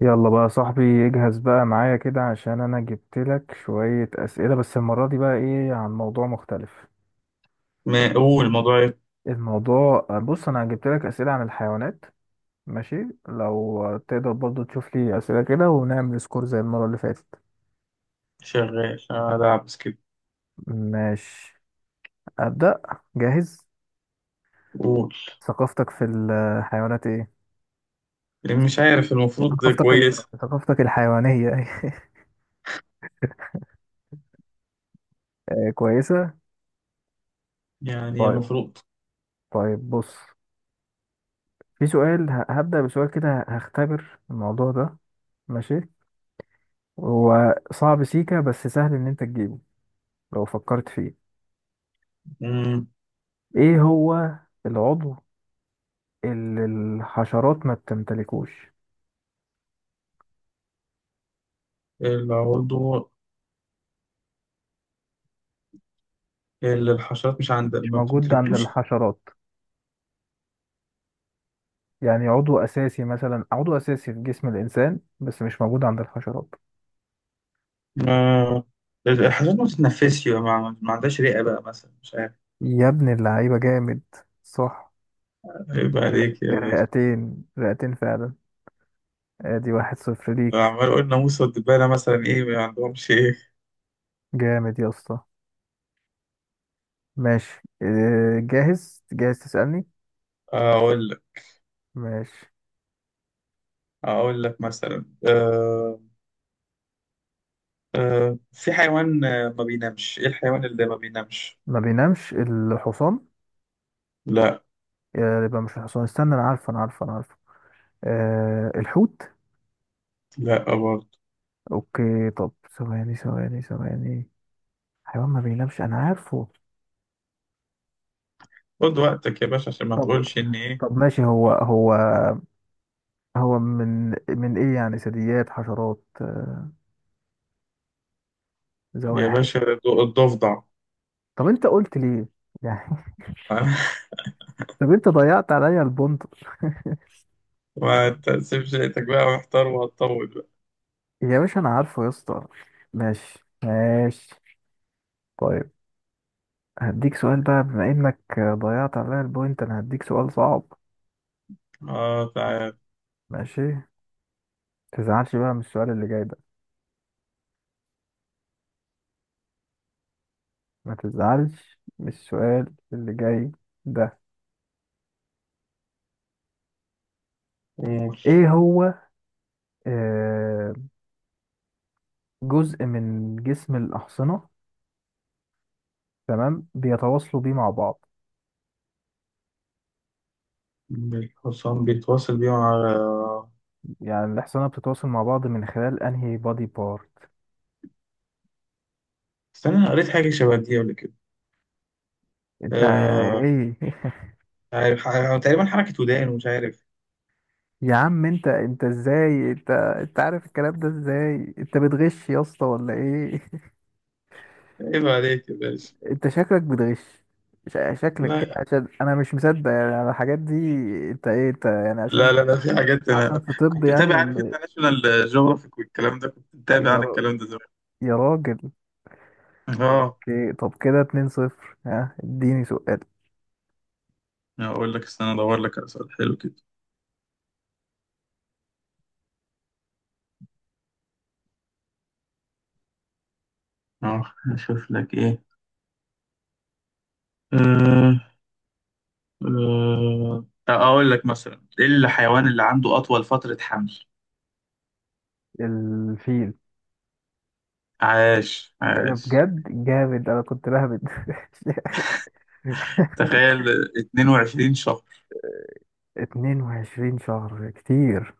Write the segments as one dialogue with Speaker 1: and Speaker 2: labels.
Speaker 1: يلا بقى يا صاحبي. اجهز بقى معايا كده عشان انا جبت لك شوية اسئلة، بس المرة دي بقى ايه عن موضوع مختلف.
Speaker 2: ما قول الموضوع.
Speaker 1: الموضوع بص انا جبت لك اسئلة عن الحيوانات. ماشي. لو تقدر برضو تشوف لي اسئلة كده ونعمل سكور زي المرة اللي فاتت.
Speaker 2: شغال ألعب سكيب.
Speaker 1: ماشي. ابدأ. جاهز.
Speaker 2: قول.
Speaker 1: ثقافتك في الحيوانات ايه؟
Speaker 2: مش عارف، المفروض
Speaker 1: ثقافتك ال...
Speaker 2: كويس.
Speaker 1: ثقافتك الحيوانية. كويسة.
Speaker 2: يعني
Speaker 1: طيب.
Speaker 2: المفروض.
Speaker 1: طيب بص، في سؤال هبدأ بسؤال كده هختبر الموضوع ده. ماشي. هو صعب سيكا بس سهل ان انت تجيبه لو فكرت فيه.
Speaker 2: مم.
Speaker 1: ايه هو العضو اللي الحشرات ما بتمتلكوش؟
Speaker 2: العضو اللي الحشرات مش عندها
Speaker 1: مش
Speaker 2: ما
Speaker 1: موجود عند
Speaker 2: بتمتلكلوش.
Speaker 1: الحشرات، يعني عضو اساسي مثلا، عضو اساسي في جسم الانسان بس مش موجود عند الحشرات.
Speaker 2: ما الحشرات ما بتتنفسش بقى، ما عندهاش رئة بقى مثلا، مش عارف.
Speaker 1: يا ابن اللعيبة جامد! صح،
Speaker 2: عيب عليك يا باشا.
Speaker 1: الرئتين، رئتين فعلا. ادي واحد صفر ليك.
Speaker 2: عمال أقول ناموسة والدبانة مثلا إيه ما عندهمش إيه.
Speaker 1: جامد يا اسطى. ماشي إيه، جاهز جاهز تسألني.
Speaker 2: أقول لك
Speaker 1: ماشي.
Speaker 2: أقول لك مثلا أه. في حيوان ما بينامش. إيه الحيوان اللي ما بينامش؟
Speaker 1: ما بينامش الحصان.
Speaker 2: لا.
Speaker 1: يبقى مش الحصان، استنى انا عارفه انا عارفه انا عارفه. أه الحوت.
Speaker 2: لا برضه.
Speaker 1: اوكي طب، ثواني ثواني ثواني، حيوان ما بينامش انا عارفه.
Speaker 2: خد وقتك يا باشا عشان ما
Speaker 1: طب،
Speaker 2: تقولش ان ايه.
Speaker 1: طب ماشي هو هو من ايه يعني، ثدييات حشرات،
Speaker 2: يا
Speaker 1: زواحف؟
Speaker 2: باشا الضفدع.
Speaker 1: طب انت قلت ليه يعني؟ طب انت ضيعت عليا البنط.
Speaker 2: ما تقسمش، لقيتك بقى محتار وهتطول بقى.
Speaker 1: يا باشا انا عارفه يا اسطى. ماشي. ماشي. طيب. هديك سؤال بقى بما انك ضيعت عليا البوينت انا هديك سؤال صعب.
Speaker 2: اه تعال.
Speaker 1: ماشي، تزعلش بقى من السؤال اللي جاي ده. ما تزعلش من السؤال اللي جاي ده.
Speaker 2: قول.
Speaker 1: ايه هو، آه، جزء من جسم الأحصنة، تمام، بيتواصلوا بيه مع بعض.
Speaker 2: الحصان بيتواصل بيه مع.
Speaker 1: يعني الأحصنة بتتواصل مع بعض من خلال انهي بادي بارت؟
Speaker 2: استنى، انا قريت حاجة شبه دي قبل كده.
Speaker 1: انت
Speaker 2: آه.
Speaker 1: ايه!
Speaker 2: مش عارف، تقريبا حركة ودان ومش عارف.
Speaker 1: يا عم انت ازاي انت عارف الكلام ده، ازاي انت بتغش يا اسطى ولا ايه؟
Speaker 2: عيب عليك يا باشا.
Speaker 1: انت شكلك بتغش. شكلك كده
Speaker 2: لا.
Speaker 1: عشان انا مش مصدق يعني على الحاجات دي. انت ايه، انت يعني عشان،
Speaker 2: لا في حاجات
Speaker 1: عشان
Speaker 2: انا
Speaker 1: في طب
Speaker 2: كنت
Speaker 1: يعني
Speaker 2: متابع. عارف
Speaker 1: ولا...
Speaker 2: انت ناشونال جيوغرافيك والكلام ده، كنت
Speaker 1: إيه؟
Speaker 2: متابع
Speaker 1: يا
Speaker 2: عن
Speaker 1: رب،
Speaker 2: الكلام ده زمان.
Speaker 1: يا راجل.
Speaker 2: اه.
Speaker 1: اوكي طب كده 2 صفر، ها اديني سؤال.
Speaker 2: اقول لك، استنى ادور لك على سؤال حلو كده. اه اشوف لك ايه. أه. أقول لك مثلا إيه الحيوان اللي عنده أطول فترة حمل؟
Speaker 1: الفيل.
Speaker 2: عاش
Speaker 1: ايه ده
Speaker 2: عاش.
Speaker 1: بجد جامد، انا كنت بهبد
Speaker 2: تخيل، 22 شهر.
Speaker 1: 22 شهر كتير.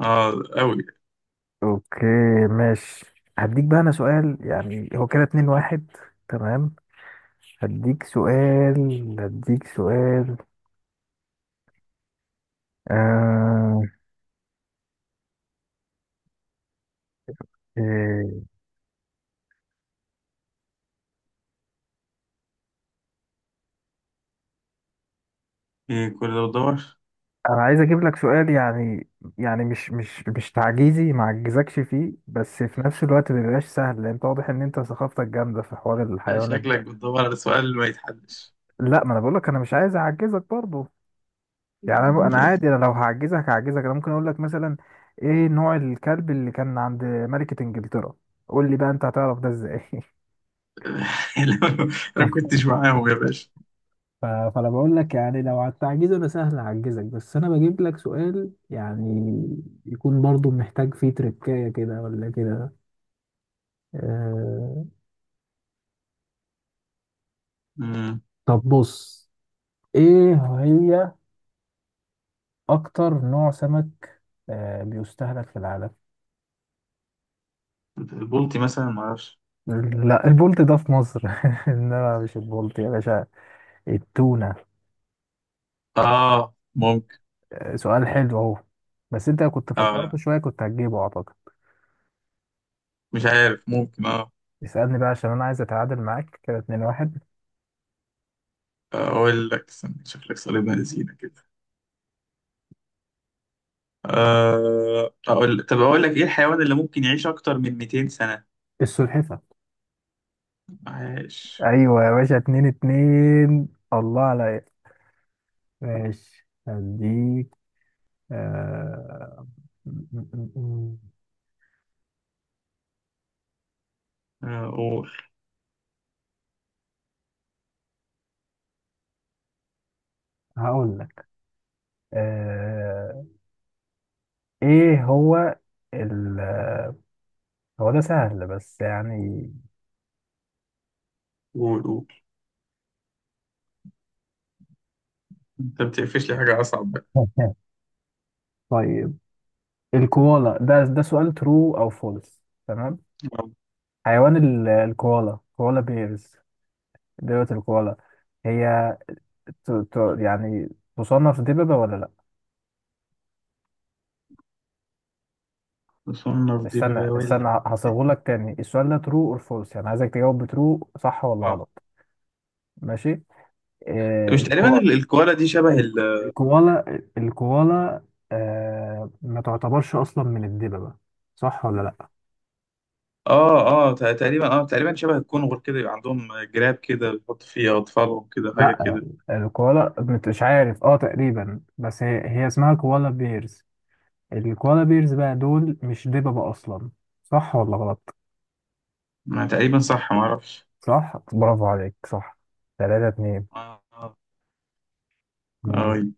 Speaker 2: اه. أوي.
Speaker 1: اوكي. ماشي. هديك بقى انا سؤال يعني هو كده 2 واحد. تمام. هديك سؤال. هديك سؤال. آه... إيه،
Speaker 2: إيه كل ده بتدور؟
Speaker 1: انا عايز اجيب لك سؤال يعني. يعني مش تعجيزي، ما اعجزكش فيه، بس في نفس الوقت ما بيبقاش سهل لان انت واضح ان انت ثقافتك جامده في حوار الحيوانات
Speaker 2: شكلك
Speaker 1: ده.
Speaker 2: بتدور على سؤال ما يتحلش.
Speaker 1: لا، ما انا بقول لك انا مش عايز اعجزك برضه. يعني انا عادي، انا لو هعجزك هعجزك. انا ممكن اقول لك مثلا، ايه نوع الكلب اللي كان عند ملكة انجلترا؟ قول لي بقى انت هتعرف ده ازاي؟
Speaker 2: لو- أنا ما كنتش معاهم يا باشا.
Speaker 1: فانا بقول لك يعني لو على التعجيز انا سهل اعجزك، بس انا بجيب لك سؤال يعني يكون برضو محتاج فيه تركاية كده ولا كده. آه،
Speaker 2: مم.
Speaker 1: طب بص، ايه هي اكتر نوع سمك بيستهلك في العالم؟
Speaker 2: البلطي مثلا، معرفش.
Speaker 1: لا، البولت ده في مصر انما مش البولت يا باشا، التونة.
Speaker 2: آه ممكن
Speaker 1: سؤال حلو اهو، بس انت لو كنت
Speaker 2: آه.
Speaker 1: فكرت
Speaker 2: لا
Speaker 1: شوية كنت هتجيبه اعتقد.
Speaker 2: مش عارف، ممكن آه.
Speaker 1: اسألني بقى عشان انا عايز اتعادل معاك كده اتنين واحد.
Speaker 2: أقول لك استنى، شكلك صليب بنزينة. طب أقول لك إيه الحيوان اللي ممكن يعيش أكتر من 200 سنة؟
Speaker 1: السلحفة.
Speaker 2: عاش.
Speaker 1: ايوه يا باشا، اتنين اتنين، الله عليا. ماشي هديك. آه... م- م- م- م.
Speaker 2: آه، قول
Speaker 1: هقول لك، آه، ايه هو ال، هو ده سهل بس يعني.
Speaker 2: قول قول. أنت بتقفش لي حاجة أصعب بقى.
Speaker 1: طيب، الكوالا، ده ده سؤال ترو او فولس تمام.
Speaker 2: آه،
Speaker 1: حيوان الكوالا، كوالا بيرز، دببة الكوالا، هي يعني تصنف دببة ولا لا؟
Speaker 2: مصنف دي
Speaker 1: استنى
Speaker 2: بباول.
Speaker 1: استنى هصيغهولك تاني. السؤال ده ترو اور فولس، يعني عايزك تجاوب بترو، صح ولا
Speaker 2: آه،
Speaker 1: غلط. ماشي.
Speaker 2: مش تقريبا
Speaker 1: الكو...
Speaker 2: الكوالا دي شبه
Speaker 1: ال-
Speaker 2: ال.
Speaker 1: الكوالا، آه ما تعتبرش اصلا من الدببة، صح ولا لا؟
Speaker 2: تقريبا تقريبا شبه الكونغر كده، يبقى عندهم جراب كده بيحط فيه أطفالهم كده، حاجة
Speaker 1: لا
Speaker 2: كده.
Speaker 1: الكوالا، مش عارف اه تقريبا، بس هي اسمها كوالا بيرز. الكوالا بيرز بقى دول مش دببة اصلا، صح ولا غلط؟
Speaker 2: ما تقريبا صح، ما أعرفش.
Speaker 1: صح، برافو عليك، صح. ثلاثة اتنين.
Speaker 2: آه آه. آه،
Speaker 1: ماشي.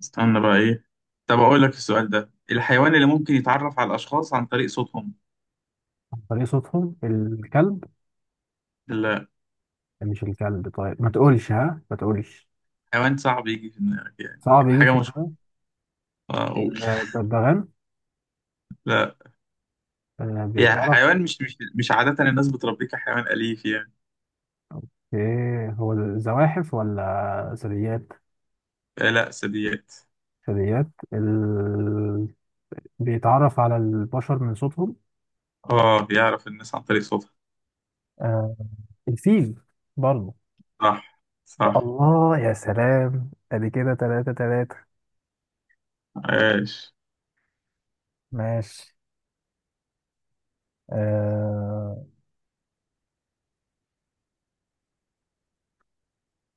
Speaker 2: استنى بقى إيه. طب أقول لك السؤال ده، الحيوان اللي ممكن يتعرف على الأشخاص عن طريق صوتهم.
Speaker 1: عن طريق صوتهم؟ الكلب. مش الكلب، طيب ما تقولش ها، ما تقولش
Speaker 2: حيوان صعب يجي في دماغك يعني.
Speaker 1: صعب يجي في
Speaker 2: حاجة مشهورة.
Speaker 1: دماغك.
Speaker 2: آه، أقول.
Speaker 1: الببغان.
Speaker 2: لا. يعني
Speaker 1: بيتعرف،
Speaker 2: حيوان مش عادة الناس بتربيه كحيوان أليف يعني.
Speaker 1: ايه هو، الزواحف ولا ثدييات؟
Speaker 2: آه، لا ثدييات.
Speaker 1: ثدييات. ال... بيتعرف على البشر من صوتهم.
Speaker 2: اه بيعرف الناس عن طريق صوتها.
Speaker 1: آه الفيل برضه.
Speaker 2: صح صح.
Speaker 1: الله يا سلام، ادي كده تلاتة تلاتة.
Speaker 2: عاش.
Speaker 1: ماشي. آه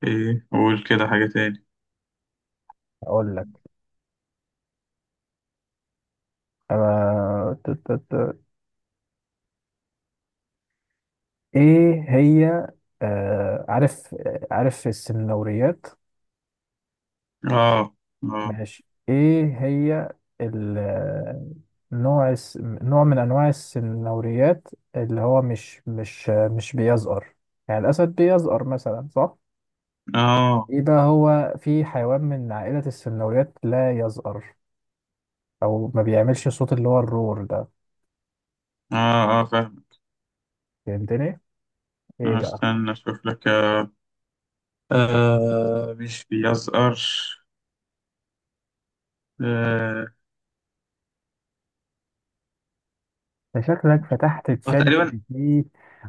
Speaker 2: ايه قول كده حاجة تاني.
Speaker 1: اقول لك، آه ت- ت- ت- ايه هي، آه عارف، عارف السنوريات؟
Speaker 2: اه اه.
Speaker 1: ماشي، ايه هي ال- نوع نوع من انواع السنوريات اللي هو مش بيزقر، يعني الاسد بيزقر مثلا صح.
Speaker 2: اه
Speaker 1: ايه بقى هو، في حيوان من عائلة السلمونيات لا يزأر، او ما بيعملش صوت اللي هو الروار ده؟
Speaker 2: اه اه فاهم.
Speaker 1: فهمتني، ايه
Speaker 2: آه،
Speaker 1: بقى؟
Speaker 2: استنى اشوف لك. آه مش بيزقرش. آه.
Speaker 1: ده شكلك فتحت
Speaker 2: آه،
Speaker 1: تشات جي
Speaker 2: تقريبا.
Speaker 1: بي تي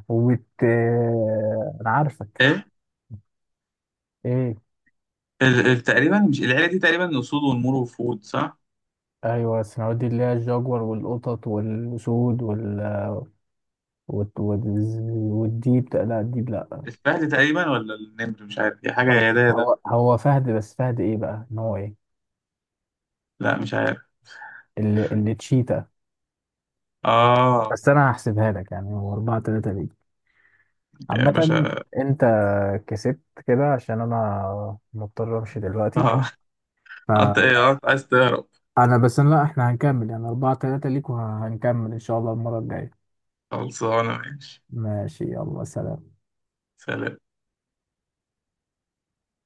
Speaker 1: وبت، انا عارفك.
Speaker 2: ايه.
Speaker 1: ايه؟
Speaker 2: تقريبا مش العيلة دي تقريبا أسود ونمور وفهود صح؟
Speaker 1: ايوه السلمونيات دي اللي هي الجاجور والقطط والاسود وال... والديب ده، لا الديب لا.
Speaker 2: الفهد تقريبا ولا النمر، مش عارف، هي حاجة
Speaker 1: طب
Speaker 2: يا ده يا ده.
Speaker 1: هو فهد، بس فهد ايه بقى ان هو ايه،
Speaker 2: لا مش عارف.
Speaker 1: اللي تشيتا.
Speaker 2: اه
Speaker 1: بس انا هحسبها لك يعني هو 4-3
Speaker 2: يا
Speaker 1: عامة.
Speaker 2: باشا.
Speaker 1: انت كسبت كده عشان انا مضطر امشي دلوقتي.
Speaker 2: اه. انت ايه
Speaker 1: فانا،
Speaker 2: آه، عايز تهرب.
Speaker 1: بس لا احنا هنكمل، يعني اربعة تلاتة ليك وهنكمل ان شاء الله المرة الجاية.
Speaker 2: خلصانة ماشي.
Speaker 1: ماشي يلا سلام.
Speaker 2: سلام.